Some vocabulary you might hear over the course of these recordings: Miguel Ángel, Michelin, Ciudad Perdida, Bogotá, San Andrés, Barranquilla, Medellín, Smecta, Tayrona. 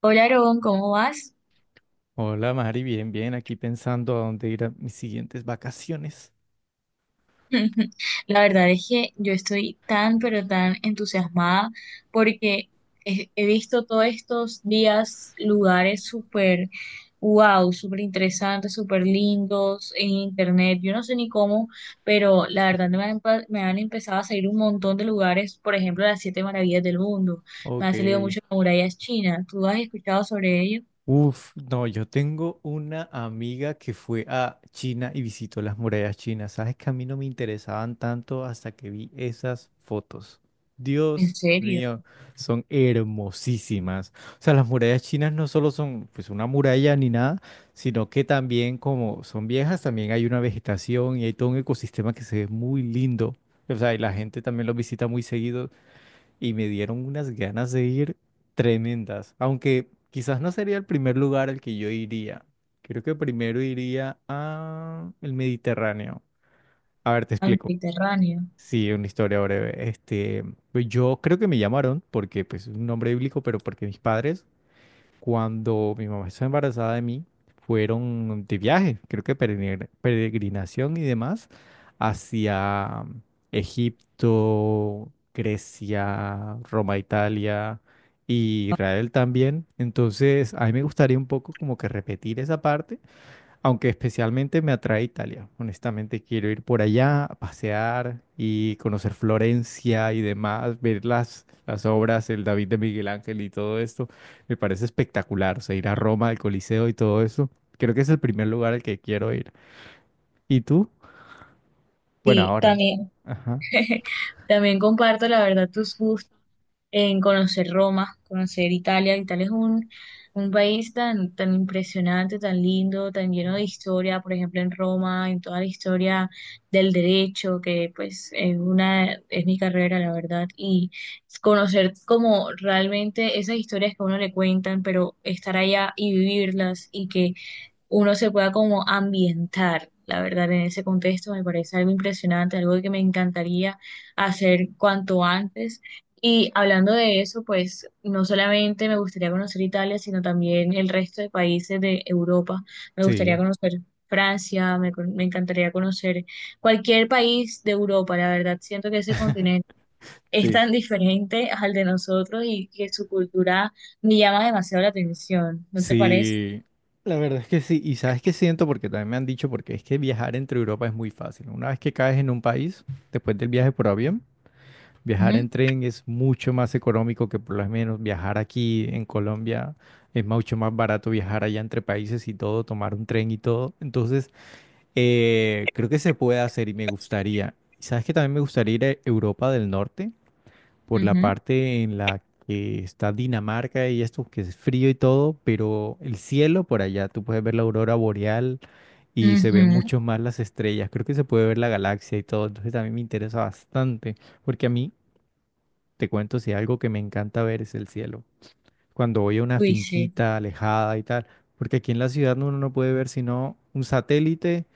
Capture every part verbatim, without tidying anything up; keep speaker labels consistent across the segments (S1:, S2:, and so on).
S1: Hola, Aarón, ¿cómo vas?
S2: Hola Mari, bien, bien, aquí pensando a dónde ir a mis siguientes vacaciones.
S1: La verdad es que yo estoy tan, pero tan entusiasmada porque he, he visto todos estos días lugares súper, wow, súper interesantes, súper lindos en internet. Yo no sé ni cómo, pero la verdad me han, pa- me han empezado a salir un montón de lugares, por ejemplo, las siete maravillas del mundo. Me
S2: Ok.
S1: han salido muchas murallas chinas. ¿Tú has escuchado sobre ello?
S2: Uf, no, yo tengo una amiga que fue a China y visitó las murallas chinas. Sabes que a mí no me interesaban tanto hasta que vi esas fotos.
S1: ¿En
S2: Dios
S1: serio?
S2: mío, son hermosísimas. O sea, las murallas chinas no solo son pues una muralla ni nada, sino que también como son viejas, también hay una vegetación y hay todo un ecosistema que se ve muy lindo. O sea, y la gente también los visita muy seguido y me dieron unas ganas de ir tremendas, aunque quizás no sería el primer lugar al que yo iría. Creo que primero iría a el Mediterráneo. A ver, te
S1: Al
S2: explico.
S1: Mediterráneo.
S2: Sí, una historia breve. Este, pues yo creo que me llamaron porque pues es un nombre bíblico, pero porque mis padres cuando mi mamá estaba embarazada de mí, fueron de viaje, creo que peregrin- peregrinación y demás, hacia Egipto, Grecia, Roma, Italia y Israel también. Entonces, a mí me gustaría un poco como que repetir esa parte aunque especialmente me atrae Italia. Honestamente, quiero ir por allá a pasear y conocer Florencia y demás, ver las, las obras, el David de Miguel Ángel y todo esto. Me parece espectacular. O sea, ir a Roma, al Coliseo y todo eso. Creo que es el primer lugar al que quiero ir. ¿Y tú? Bueno,
S1: Sí,
S2: ahora.
S1: también.
S2: Ajá.
S1: También comparto, la verdad, tus gustos en conocer Roma, conocer Italia. Italia es un, un país tan, tan impresionante, tan lindo, tan lleno de historia, por ejemplo, en Roma, en toda la historia del derecho, que pues es una, es mi carrera, la verdad, y conocer como realmente esas historias que a uno le cuentan, pero estar allá y vivirlas y que uno se pueda como ambientar, la verdad, en ese contexto me parece algo impresionante, algo que me encantaría hacer cuanto antes. Y hablando de eso, pues no solamente me gustaría conocer Italia, sino también el resto de países de Europa. Me gustaría
S2: Sí.
S1: conocer Francia, me, me encantaría conocer cualquier país de Europa, la verdad, siento que ese continente es
S2: Sí,
S1: tan diferente al de nosotros y que su cultura me llama demasiado la atención, ¿no te parece?
S2: sí, la verdad es que sí. Y sabes qué siento, porque también me han dicho, porque es que viajar entre Europa es muy fácil. Una vez que caes en un país, después del viaje por avión, viajar en
S1: Ujú,
S2: tren es mucho más económico que por lo menos viajar aquí en Colombia. Es mucho más barato viajar allá entre países y todo, tomar un tren y todo. Entonces, eh, creo que se puede hacer y me gustaría. ¿Sabes que también me gustaría ir a Europa del Norte? Por la
S1: ujú.
S2: parte en la que está Dinamarca y esto, que es frío y todo, pero el cielo por allá, tú puedes ver la aurora boreal y se ven
S1: Ujú.
S2: mucho más las estrellas. Creo que se puede ver la galaxia y todo. Entonces, también me interesa bastante, porque a mí... Te cuento si algo que me encanta ver es el cielo. Cuando voy a una
S1: Uy, sí.
S2: finquita alejada y tal, porque aquí en la ciudad uno no puede ver sino un satélite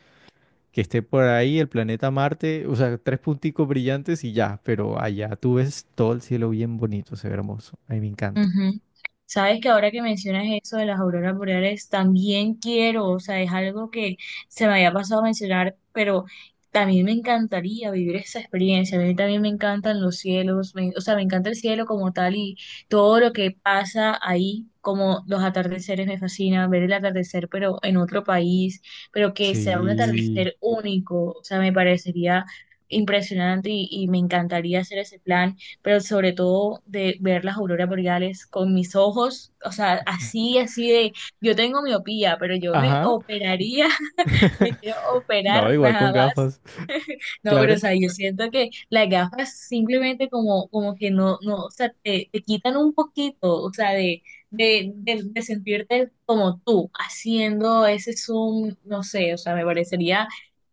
S2: que esté por ahí, el planeta Marte, o sea, tres punticos brillantes y ya, pero allá tú ves todo el cielo bien bonito, se ve hermoso. A mí me encanta.
S1: Ujú. Sabes que ahora que mencionas eso de las auroras boreales, también quiero, o sea, es algo que se me había pasado a mencionar, pero también me encantaría vivir esa experiencia. A mí también me encantan los cielos, me- o sea, me encanta el cielo como tal y todo lo que pasa ahí, como los atardeceres me fascina, ver el atardecer, pero en otro país, pero que sea un
S2: Sí.
S1: atardecer único, o sea, me parecería impresionante y y me encantaría hacer ese plan. Pero sobre todo de ver las auroras boreales con mis ojos, o sea, así, así de, yo tengo miopía, pero yo me
S2: Ajá.
S1: operaría, me quiero
S2: No,
S1: operar
S2: igual
S1: nada
S2: con
S1: más.
S2: gafas.
S1: No, pero o
S2: Claro,
S1: sea, yo siento que las gafas simplemente como, como que no, no, o sea, te, te quitan un poquito, o sea, de, de, de, de sentirte como tú, haciendo ese zoom, no sé, o sea, me parecería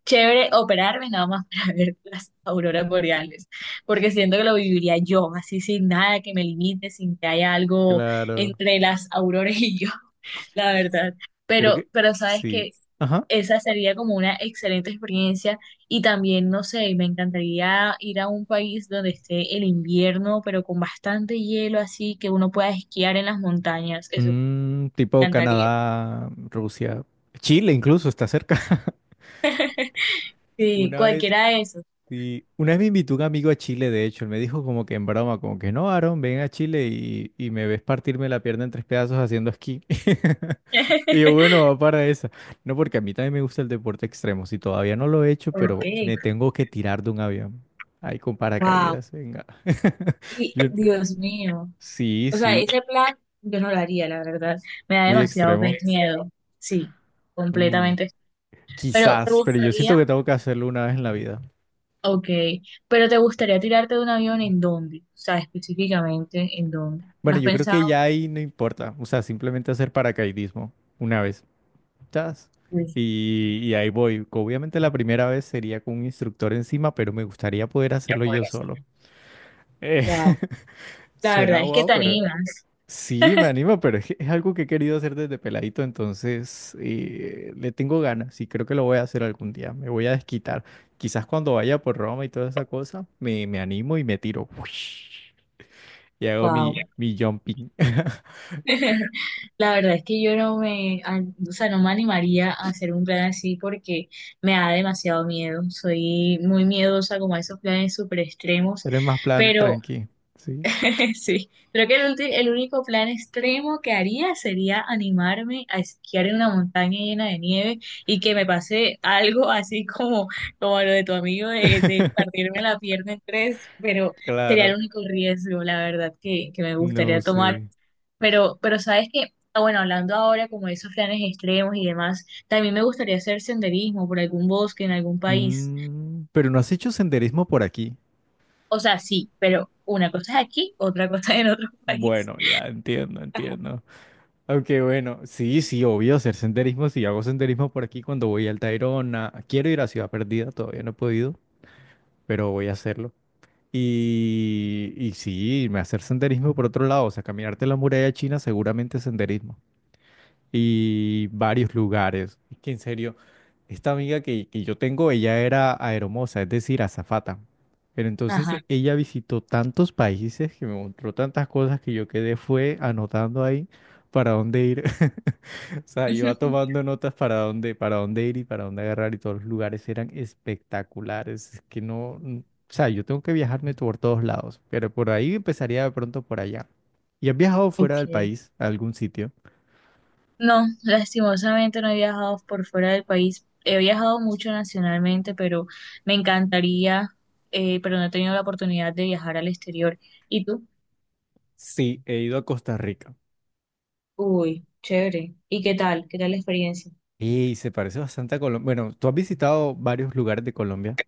S1: chévere operarme nada más para ver las auroras boreales, porque siento que lo viviría yo, así sin nada que me limite, sin que haya algo
S2: claro.
S1: entre las auroras y yo. La verdad.
S2: Creo
S1: Pero,
S2: que
S1: pero sabes
S2: sí.
S1: que
S2: Ajá.
S1: esa sería como una excelente experiencia y también, no sé, me encantaría ir a un país donde esté el invierno, pero con bastante hielo, así que uno pueda esquiar en las montañas. Eso
S2: Mm,
S1: me
S2: tipo
S1: encantaría.
S2: Canadá, Rusia, Chile incluso está cerca.
S1: Sí,
S2: Una vez
S1: cualquiera de esos.
S2: Y una vez me invitó un amigo a Chile, de hecho, él me dijo como que en broma, como que no, Aaron, ven a Chile y, y me ves partirme la pierna en tres pedazos haciendo esquí. Y yo, bueno, va para esa. No, porque a mí también me gusta el deporte extremo, si todavía no lo he hecho,
S1: Ok,
S2: pero me tengo que tirar de un avión. Ahí con
S1: wow.
S2: paracaídas, venga.
S1: Y
S2: Yo-
S1: Dios mío.
S2: sí,
S1: O sea,
S2: sí,
S1: ese plan yo no lo haría, la verdad. Me da
S2: muy
S1: demasiado
S2: extremo.
S1: miedo. Sí,
S2: Mm,
S1: completamente. Pero ¿te
S2: quizás, pero yo
S1: gustaría?
S2: siento que tengo que hacerlo una vez en la vida.
S1: Ok, pero ¿te gustaría tirarte de un avión en dónde? O sea, específicamente en dónde. ¿Lo
S2: Bueno,
S1: has
S2: yo creo que
S1: pensado?
S2: ya ahí no importa, o sea, simplemente hacer paracaidismo una vez. Chas.
S1: Sí.
S2: Y, y ahí voy. Obviamente la primera vez sería con un instructor encima, pero me gustaría poder hacerlo yo solo. Eh,
S1: Wow, la
S2: suena
S1: verdad es que
S2: guau,
S1: te
S2: pero
S1: animas.
S2: sí, me anima, pero es, que es algo que he querido hacer desde peladito, entonces eh, le tengo ganas y creo que lo voy a hacer algún día. Me voy a desquitar. Quizás cuando vaya por Roma y toda esa cosa, me, me animo y me tiro. Uish, y hago
S1: Wow.
S2: mi, mi jumping.
S1: La verdad es que yo no me, a- o sea, no me animaría a hacer un plan así porque me da demasiado miedo. Soy muy miedosa como a esos planes súper extremos,
S2: Pero es más plan
S1: pero.
S2: tranqui, ¿sí?
S1: Sí, creo que el, ulti- el único plan extremo que haría sería animarme a esquiar en una montaña llena de nieve y que me pase algo así como, como lo de tu amigo de, de partirme la pierna en tres, pero sería el
S2: Claro,
S1: único riesgo, la verdad, que, que me
S2: no
S1: gustaría tomar.
S2: sé.
S1: Pero, pero sabes que, ah, bueno, hablando ahora como de esos planes extremos y demás, también me gustaría hacer senderismo por algún bosque en algún país.
S2: Mm, pero no has hecho senderismo por aquí.
S1: O sea, sí, pero una cosa es aquí, otra cosa en otro país.
S2: Bueno, ya entiendo, entiendo. Aunque bueno, sí, sí, obvio hacer senderismo. Si hago senderismo por aquí cuando voy al Tayrona. Quiero ir a Ciudad Perdida, todavía no he podido, pero voy a hacerlo. Y, y sí, me hacer senderismo por otro lado, o sea, caminarte la muralla china, seguramente senderismo. Y varios lugares. Es que en serio, esta amiga que, que yo tengo, ella era aeromoza, es decir, azafata. Pero entonces
S1: Ajá.
S2: ella visitó tantos países que me mostró tantas cosas que yo quedé fue anotando ahí para dónde ir. O sea, iba tomando notas para dónde, para dónde ir y para dónde agarrar y todos los lugares eran espectaculares. Es que no, n- o sea, yo tengo que viajarme por todos lados, pero por ahí empezaría de pronto por allá. ¿Y has viajado fuera del
S1: Ok.
S2: país a algún sitio?
S1: No, lastimosamente no he viajado por fuera del país. He viajado mucho nacionalmente, pero me encantaría, eh, pero no he tenido la oportunidad de viajar al exterior. ¿Y tú?
S2: Sí, he ido a Costa Rica
S1: Uy, chévere. ¿Y qué tal? ¿Qué tal la experiencia?
S2: y se parece bastante a Colombia. Bueno, tú has visitado varios lugares de Colombia.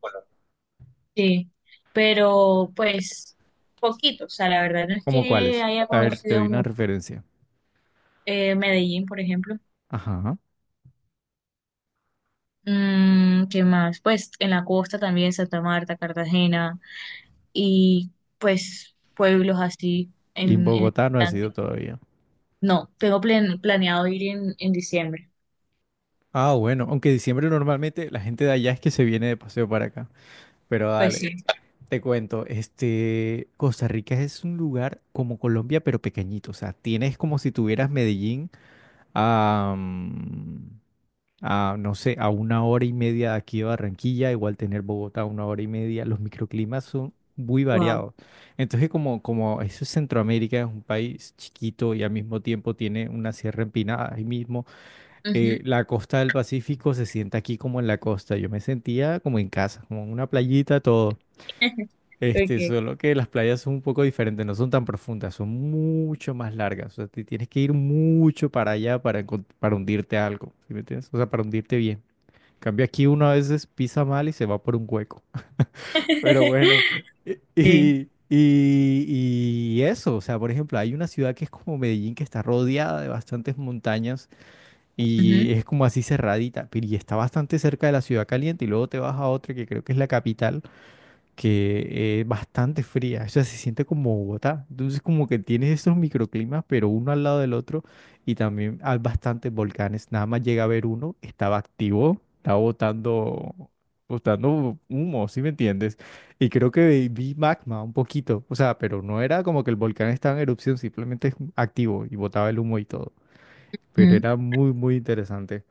S1: Sí, pero pues poquito, o sea, la verdad no es
S2: ¿Cómo
S1: que
S2: cuáles?
S1: haya
S2: A ver, te doy
S1: conocido
S2: una
S1: mucho.
S2: referencia.
S1: Eh, Medellín, por ejemplo.
S2: Ajá.
S1: Mm, ¿qué más? Pues en la costa también, Santa Marta, Cartagena, y pues pueblos así
S2: Y en
S1: en, en el
S2: Bogotá no has ido
S1: Atlántico.
S2: todavía.
S1: No, tengo plan- planeado ir en, en diciembre.
S2: Ah, bueno, aunque diciembre normalmente la gente de allá es que se viene de paseo para acá. Pero
S1: Pues sí,
S2: dale, te cuento, este, Costa Rica es un lugar como Colombia, pero pequeñito. O sea, tienes como si tuvieras Medellín, a, no sé, a una hora y media de aquí de Barranquilla, igual tener Bogotá a una hora y media, los microclimas son muy
S1: wow.
S2: variados. Entonces, como, como eso es Centroamérica, es un país chiquito y al mismo tiempo tiene una sierra empinada, ahí mismo, eh,
S1: Ujú.
S2: la costa del Pacífico se siente aquí como en la costa. Yo me sentía como en casa, como en una playita, todo. Este,
S1: Ok.
S2: solo que las playas son un poco diferentes, no son tan profundas, son mucho más largas. O sea, te tienes que ir mucho para allá para, encon- para hundirte algo, ¿sí me entiendes? O sea, para hundirte bien. Cambia aquí uno a veces pisa mal y se va por un hueco. Pero bueno, y,
S1: Sí.
S2: y, y eso, o sea, por ejemplo, hay una ciudad que es como Medellín, que está rodeada de bastantes montañas y
S1: Ujú,
S2: es como así cerradita, pero y está bastante cerca de la ciudad caliente y luego te vas a otra que creo que es la capital que es bastante fría, o sea, se siente como Bogotá. Entonces, como que tienes estos microclimas, pero uno al lado del otro, y también hay bastantes volcanes. Nada más llega a ver uno, estaba activo, estaba botando, botando humo, ¿sí me entiendes? Y creo que vi magma un poquito, o sea, pero no era como que el volcán estaba en erupción, simplemente activo y botaba el humo y todo. Pero
S1: ujú.
S2: era muy, muy interesante.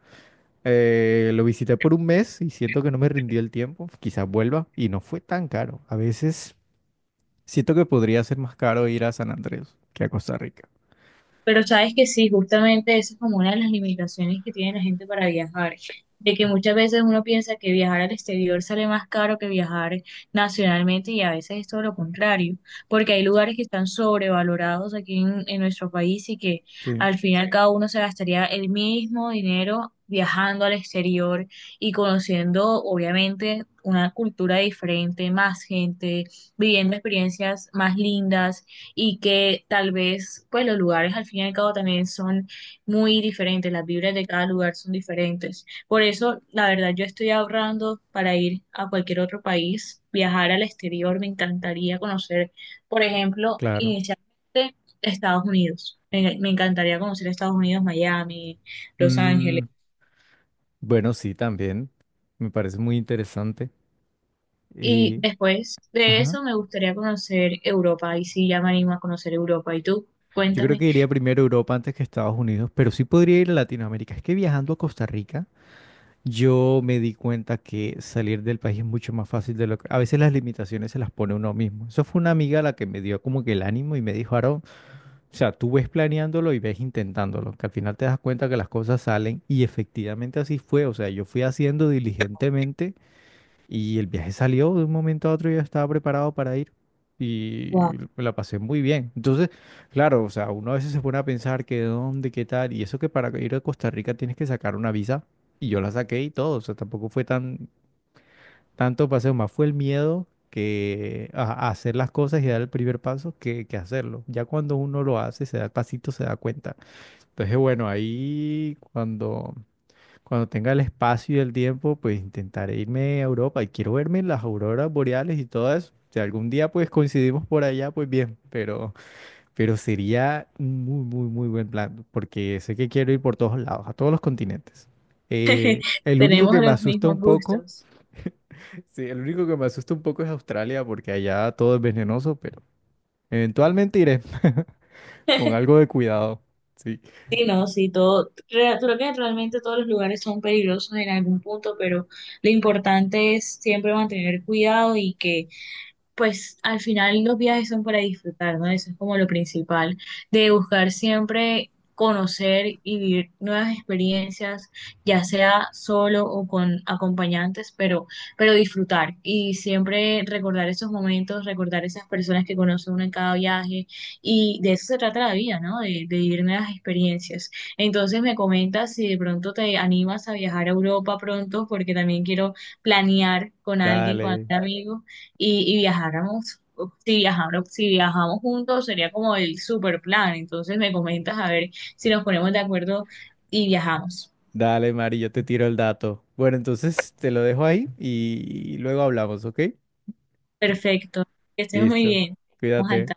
S2: Eh, lo visité por un mes y siento que no me rindió el tiempo. Quizás vuelva y no fue tan caro. A veces siento que podría ser más caro ir a San Andrés que a Costa Rica.
S1: Pero sabes que sí, justamente esa es como una de las limitaciones que tiene la gente para viajar, de que muchas veces uno piensa que viajar al exterior sale más caro que viajar nacionalmente y a veces es todo lo contrario, porque hay lugares que están sobrevalorados aquí en, en nuestro país y que
S2: Sí,
S1: al final cada uno se gastaría el mismo dinero viajando al exterior y conociendo obviamente una cultura diferente, más gente, viviendo experiencias más lindas y que tal vez pues los lugares al fin y al cabo también son muy diferentes, las vibras de cada lugar son diferentes. Por eso, la verdad, yo estoy ahorrando para ir a cualquier otro país, viajar al exterior, me encantaría conocer, por ejemplo,
S2: claro.
S1: inicialmente Estados Unidos. Me, me encantaría conocer Estados Unidos, Miami, Los Ángeles.
S2: Mm, bueno, sí, también. Me parece muy interesante.
S1: Y
S2: Eh,
S1: después de
S2: ajá.
S1: eso me gustaría conocer Europa, y sí, ya me animo a conocer Europa. ¿Y tú?
S2: Yo creo
S1: Cuéntame.
S2: que iría primero a Europa antes que a Estados Unidos, pero sí podría ir a Latinoamérica. Es que viajando a Costa Rica yo me di cuenta que salir del país es mucho más fácil de lo que... A veces las limitaciones se las pone uno mismo. Eso fue una amiga la que me dio como que el ánimo y me dijo, Aaron, o sea, tú ves planeándolo y ves intentándolo, que al final te das cuenta que las cosas salen y efectivamente así fue. O sea, yo fui haciendo diligentemente y el viaje salió de un momento a otro y yo estaba preparado para ir
S1: Wow,
S2: y la pasé muy bien. Entonces, claro, o sea, uno a veces se pone a pensar que dónde, qué tal, y eso que para ir a Costa Rica tienes que sacar una visa y yo la saqué y todo, o sea, tampoco fue tan tanto paseo, más fue el miedo que a, a hacer las cosas y dar el primer paso que, que hacerlo. Ya cuando uno lo hace, se da el pasito, se da cuenta. Entonces, bueno, ahí cuando cuando tenga el espacio y el tiempo, pues intentaré irme a Europa y quiero verme las auroras boreales y todo eso. Si algún día pues coincidimos por allá, pues bien, pero, pero sería un muy, muy, muy buen plan, porque sé que quiero ir por todos lados, a todos los continentes. Eh, el único
S1: tenemos
S2: que me
S1: los
S2: asusta
S1: mismos
S2: un poco,
S1: gustos.
S2: sí, el único que me asusta un poco es Australia, porque allá todo es venenoso, pero eventualmente iré con algo de cuidado. Sí,
S1: Sí, no, sí, todo, re- creo que realmente todos los lugares son peligrosos en algún punto, pero lo importante es siempre mantener cuidado y que pues al final los viajes son para disfrutar, ¿no? Eso es como lo principal, de buscar siempre conocer y vivir nuevas experiencias, ya sea solo o con acompañantes, pero, pero disfrutar y siempre recordar esos momentos, recordar esas personas que conoce uno en cada viaje y de eso se trata la vida, ¿no? De, de vivir nuevas experiencias. Entonces me comentas si de pronto te animas a viajar a Europa pronto, porque también quiero planear con alguien, con algún
S2: dale.
S1: amigo y, y viajáramos, si viajáramos, si viajamos juntos sería como el super plan. Entonces me comentas a ver si nos ponemos de acuerdo y viajamos.
S2: Dale, Mari, yo te tiro el dato. Bueno, entonces te lo dejo ahí y luego hablamos, ¿ok?
S1: Perfecto, que estés muy
S2: Listo.
S1: bien. Vamos al
S2: Cuídate.